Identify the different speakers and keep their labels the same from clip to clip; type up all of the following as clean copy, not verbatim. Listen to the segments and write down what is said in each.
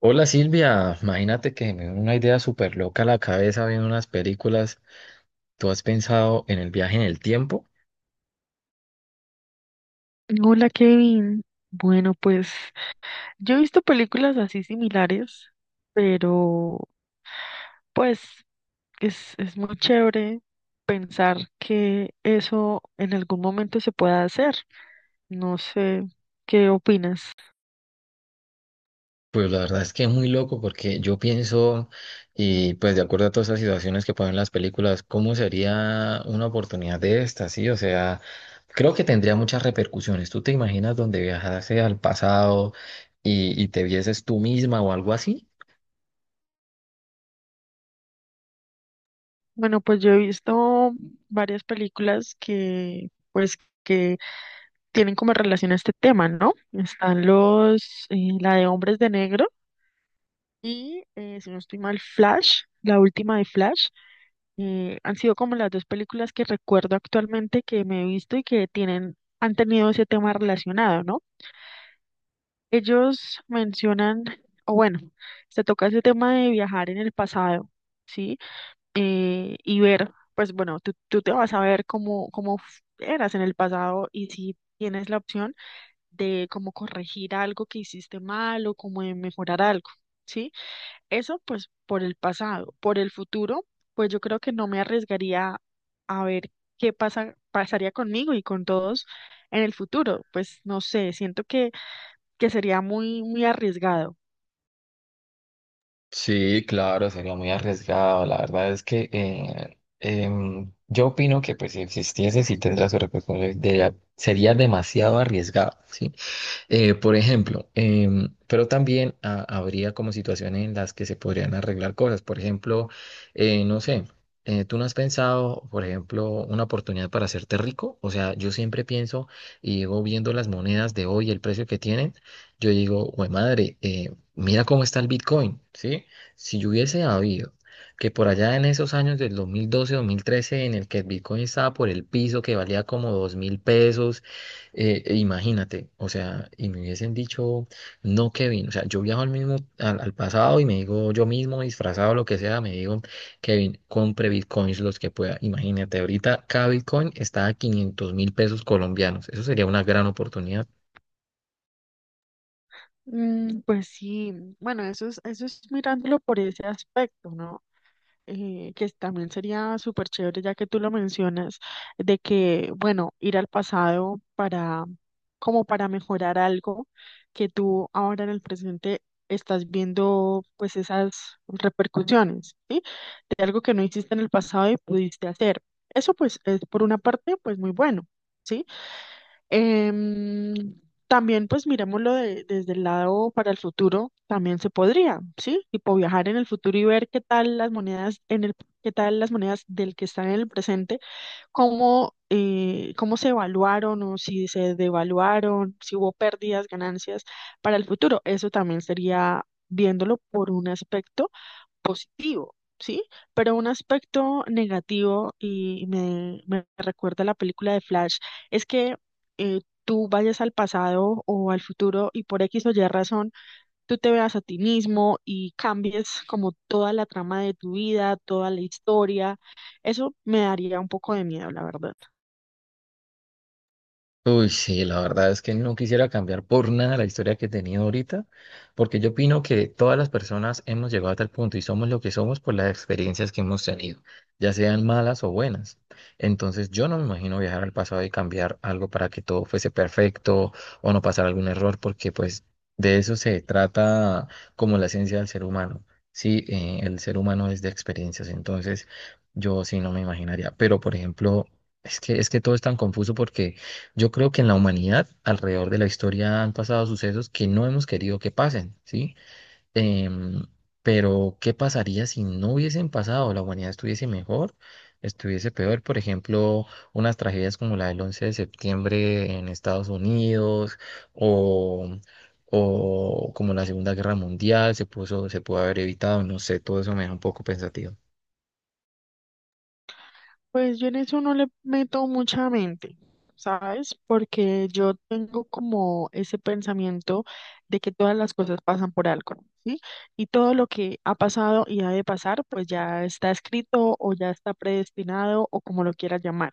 Speaker 1: Hola Silvia, imagínate que me dio una idea súper loca a la cabeza viendo unas películas. ¿Tú has pensado en el viaje en el tiempo?
Speaker 2: Hola Kevin. Bueno, pues yo he visto películas así similares, pero pues es muy chévere pensar que eso en algún momento se pueda hacer. No sé, ¿qué opinas?
Speaker 1: Pues la verdad es que es muy loco porque yo pienso, y pues de acuerdo a todas estas situaciones que ponen las películas, ¿cómo sería una oportunidad de esta? Sí, o sea, creo que tendría muchas repercusiones. ¿Tú te imaginas donde viajase al pasado y te vieses tú misma o algo así?
Speaker 2: Bueno, pues yo he visto varias películas que pues que tienen como relación a este tema, ¿no? Están los, la de Hombres de Negro y, si no estoy mal, Flash, la última de Flash. Han sido como las dos películas que recuerdo actualmente que me he visto y que tienen, han tenido ese tema relacionado, ¿no? Ellos mencionan, o bueno, se toca ese tema de viajar en el pasado, ¿sí? Y ver, pues bueno, tú te vas a ver cómo, eras en el pasado y si tienes la opción de cómo corregir algo que hiciste mal o cómo de mejorar algo, ¿sí? Eso pues por el pasado, por el futuro, pues yo creo que no me arriesgaría a ver pasaría conmigo y con todos en el futuro. Pues no sé, siento que sería muy arriesgado.
Speaker 1: Sí, claro, sería muy arriesgado. La verdad es que yo opino que pues si existiese, si tendría su responsabilidad, sería demasiado arriesgado, ¿sí? Por ejemplo, pero también habría como situaciones en las que se podrían arreglar cosas. Por ejemplo, no sé, ¿tú no has pensado, por ejemplo, una oportunidad para hacerte rico? O sea, yo siempre pienso y llego viendo las monedas de hoy, el precio que tienen, yo digo, güey, madre, mira cómo está el Bitcoin, ¿sí? Si yo hubiese habido que por allá en esos años del 2012, 2013, en el que el Bitcoin estaba por el piso, que valía como 2.000 pesos, e imagínate, o sea, y me hubiesen dicho, no, Kevin, o sea, yo viajo al mismo, al pasado y me digo yo mismo, disfrazado, lo que sea, me digo, Kevin, compre bitcoins los que pueda. Imagínate, ahorita cada bitcoin está a 500 mil pesos colombianos. Eso sería una gran oportunidad.
Speaker 2: Mm, pues sí, bueno, eso es mirándolo por ese aspecto, ¿no? Eh, que también sería súper chévere, ya que tú lo mencionas, de que, bueno, ir al pasado para, como para mejorar algo que tú ahora en el presente estás viendo, pues esas repercusiones, ¿sí? De algo que no hiciste en el pasado y pudiste hacer. Eso, pues, es por una parte, pues muy bueno, ¿sí? Em, también, pues desde el lado para el futuro, también se podría, ¿sí? Tipo viajar en el futuro y ver qué tal las monedas en el, qué tal las monedas del que están en el presente, cómo, cómo se evaluaron o si se devaluaron, si hubo pérdidas, ganancias para el futuro. Eso también sería viéndolo por un aspecto positivo, ¿sí? Pero un aspecto negativo, y me recuerda la película de Flash, es que tú vayas al pasado o al futuro y por X o Y razón, tú te veas a ti mismo y cambies como toda la trama de tu vida, toda la historia. Eso me daría un poco de miedo, la verdad.
Speaker 1: Uy, sí, la verdad es que no quisiera cambiar por nada la historia que he tenido ahorita, porque yo opino que todas las personas hemos llegado a tal punto y somos lo que somos por las experiencias que hemos tenido, ya sean malas o buenas. Entonces, yo no me imagino viajar al pasado y cambiar algo para que todo fuese perfecto o no pasar algún error, porque pues de eso se trata como la esencia del ser humano. Sí, el ser humano es de experiencias, entonces yo sí no me imaginaría. Pero, por ejemplo, es que todo es tan confuso porque... Yo creo que en la humanidad, alrededor de la historia, han pasado sucesos que no hemos querido que pasen, ¿sí? Em, pero, ¿qué pasaría si no hubiesen pasado? ¿La humanidad estuviese mejor? ¿Estuviese peor? Por ejemplo, unas tragedias como la del 11 de septiembre en Estados Unidos o, o como la Segunda Guerra Mundial se puso, se pudo haber evitado, no sé, todo eso me da un poco pensativo.
Speaker 2: Pues yo en eso no le meto mucha mente, ¿sabes? Porque yo tengo como ese pensamiento de que todas las cosas pasan por algo, ¿sí? Y todo lo que ha pasado y ha de pasar, pues ya está escrito o ya está predestinado o como lo quieras llamar.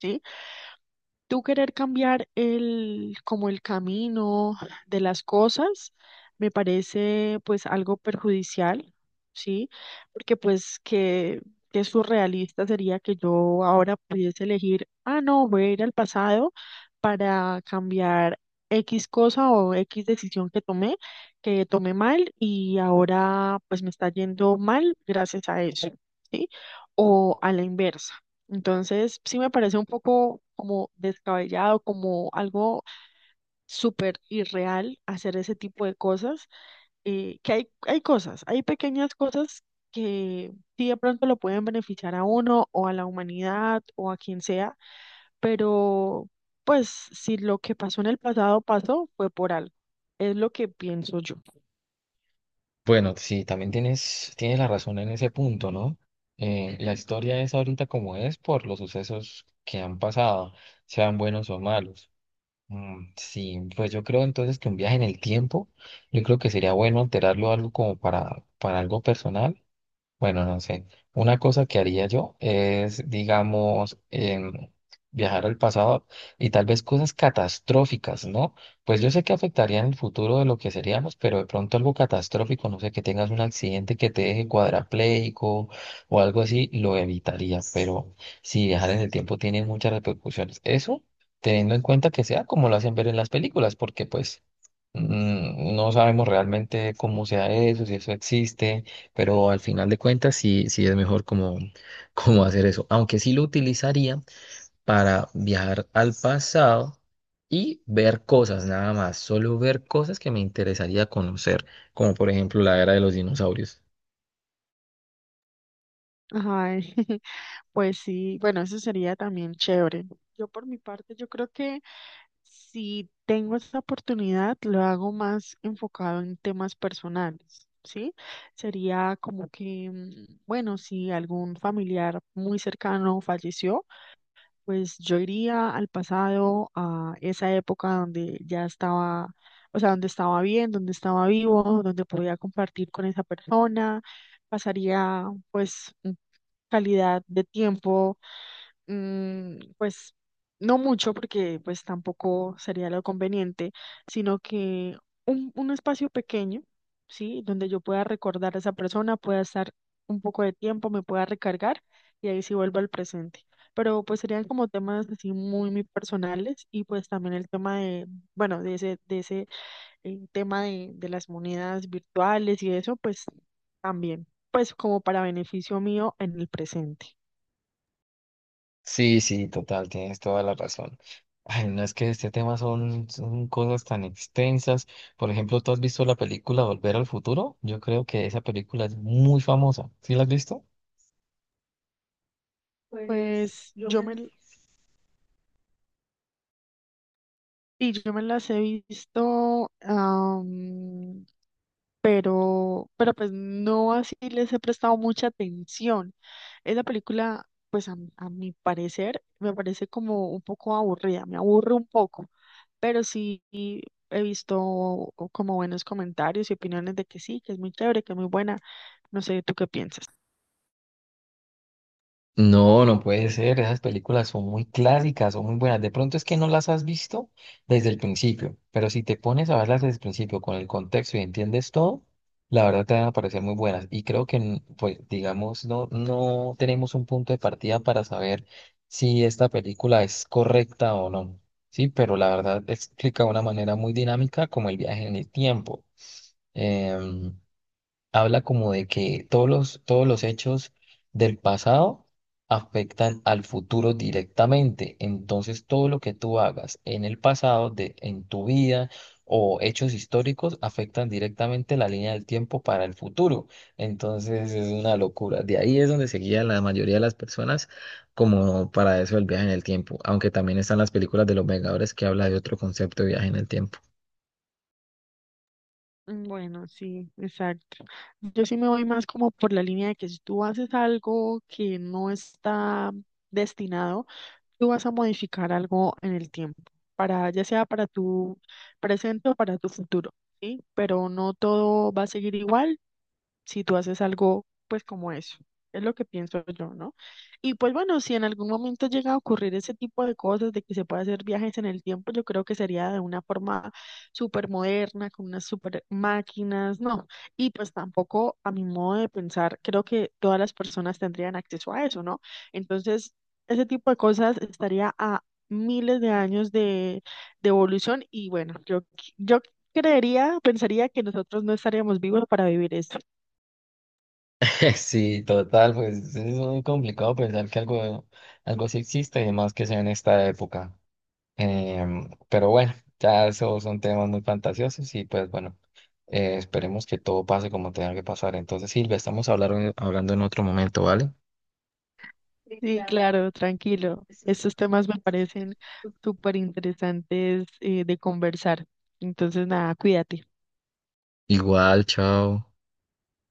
Speaker 2: ¿Sí? Tú querer cambiar el, como el camino de las cosas, me parece pues algo perjudicial, ¿sí? Porque pues que surrealista sería que yo ahora pudiese elegir, ah, no, voy a ir al pasado para cambiar X cosa o X decisión que tomé mal y ahora pues me está yendo mal gracias a eso, ¿sí? O a la inversa. Entonces, sí me parece un poco como descabellado, como algo súper irreal hacer ese tipo de cosas, que hay cosas, hay pequeñas cosas que sí de pronto lo pueden beneficiar a uno o a la humanidad o a quien sea, pero pues si lo que pasó en el pasado pasó, fue por algo. Es lo que pienso yo.
Speaker 1: Bueno, sí, también tienes la razón en ese punto, ¿no? La historia es ahorita como es por los sucesos que han pasado, sean buenos o malos. Mm, sí, pues yo creo entonces que un viaje en el tiempo, yo creo que sería bueno alterarlo algo como para algo personal. Bueno, no sé. Una cosa que haría yo es, digamos, viajar al pasado y tal vez cosas catastróficas, ¿no? Pues yo sé que afectarían el futuro de lo que seríamos, pero de pronto algo catastrófico, no sé, que tengas un accidente que te deje cuadrapléjico o algo así, lo evitaría. Pero si viajar en el tiempo tiene muchas repercusiones. Eso teniendo en cuenta que sea como lo hacen ver en las películas, porque pues no sabemos realmente cómo sea eso, si eso existe, pero al final de cuentas sí, sí es mejor como, como hacer eso. Aunque sí lo utilizaría para viajar al pasado y ver cosas, nada más, solo ver cosas que me interesaría conocer, como por ejemplo la era de los dinosaurios.
Speaker 2: Ay, pues sí, bueno, eso sería también chévere. Yo por mi parte, yo creo que... Si tengo esa oportunidad, lo hago más enfocado en temas personales, ¿sí? Sería como que, mm, bueno, si algún familiar muy cercano falleció, pues yo iría al pasado, a esa época donde ya estaba, o sea, donde estaba bien, donde estaba vivo, donde podía compartir con esa persona, pasaría pues calidad de tiempo, mm, pues no mucho porque pues tampoco sería lo conveniente, sino que un espacio pequeño, ¿sí? Donde yo pueda recordar a esa persona, pueda estar un poco de tiempo, me pueda recargar y ahí sí vuelvo al presente, pero pues serían como temas así muy personales y pues también el tema de, bueno, de ese tema de las monedas virtuales y eso, pues también, pues como para beneficio mío en el presente.
Speaker 1: Sí, sí, total, tienes toda la razón. Ay, no es que este tema son, son cosas tan extensas. Por ejemplo, ¿tú has visto la película Volver al Futuro? Yo creo que esa película es muy famosa. ¿Sí la has visto?
Speaker 2: Pues y yo me las he visto, pero pues no así les he prestado mucha atención. Esa película, pues a mi parecer, me parece como un poco aburrida, me aburre un poco. Pero sí he visto como buenos comentarios y opiniones de que sí, que es muy chévere, que es muy buena. No sé, ¿tú qué piensas?
Speaker 1: No, no puede ser. Esas películas son muy clásicas, son muy buenas. De pronto es que no las has visto desde el principio, pero si te pones a verlas desde el principio con el contexto y entiendes todo, la verdad te van a parecer muy buenas. Y creo que, pues, digamos, no, no tenemos un punto de partida para saber si esta película es correcta o no. Sí, pero la verdad explica de una manera muy dinámica como el viaje en el tiempo. Em, Habla como de que todos los hechos del pasado afectan al futuro directamente. Entonces, todo lo que tú hagas en el pasado, de, en tu vida o hechos históricos afectan directamente la línea del tiempo para el futuro. Entonces, es una locura. De ahí es donde se guía la mayoría de las personas como para eso el viaje en el tiempo. Aunque también están las películas de los Vengadores que habla de otro concepto de viaje en el tiempo.
Speaker 2: Bueno, sí, exacto. Yo sí me voy más como por la línea de que si tú haces algo que no está destinado, tú vas a modificar algo en el tiempo, para ya sea para tu presente o para tu futuro, ¿sí? Pero no todo va a seguir igual si tú haces algo, pues como eso. Es lo que pienso yo, ¿no? Y pues bueno, si en algún momento llega a ocurrir ese tipo de cosas, de que se pueda hacer viajes en el tiempo, yo creo que sería de una forma súper moderna, con unas súper máquinas, ¿no? Y pues tampoco, a mi modo de pensar, creo que todas las personas tendrían acceso a eso, ¿no? Entonces, ese tipo de cosas estaría a miles de años de evolución y bueno, yo creería, pensaría que nosotros no estaríamos vivos para vivir esto.
Speaker 1: Sí, total, pues es muy complicado pensar que algo, algo sí existe y más que sea en esta época. Pero bueno, ya esos son temas muy fantasiosos y pues bueno, esperemos que todo pase como tenga que pasar. Entonces, Silvia, estamos hablando en otro momento, ¿vale?
Speaker 2: Sí, claro, tranquilo. Estos temas me parecen súper interesantes de conversar. Entonces, nada, cuídate.
Speaker 1: Igual, chao.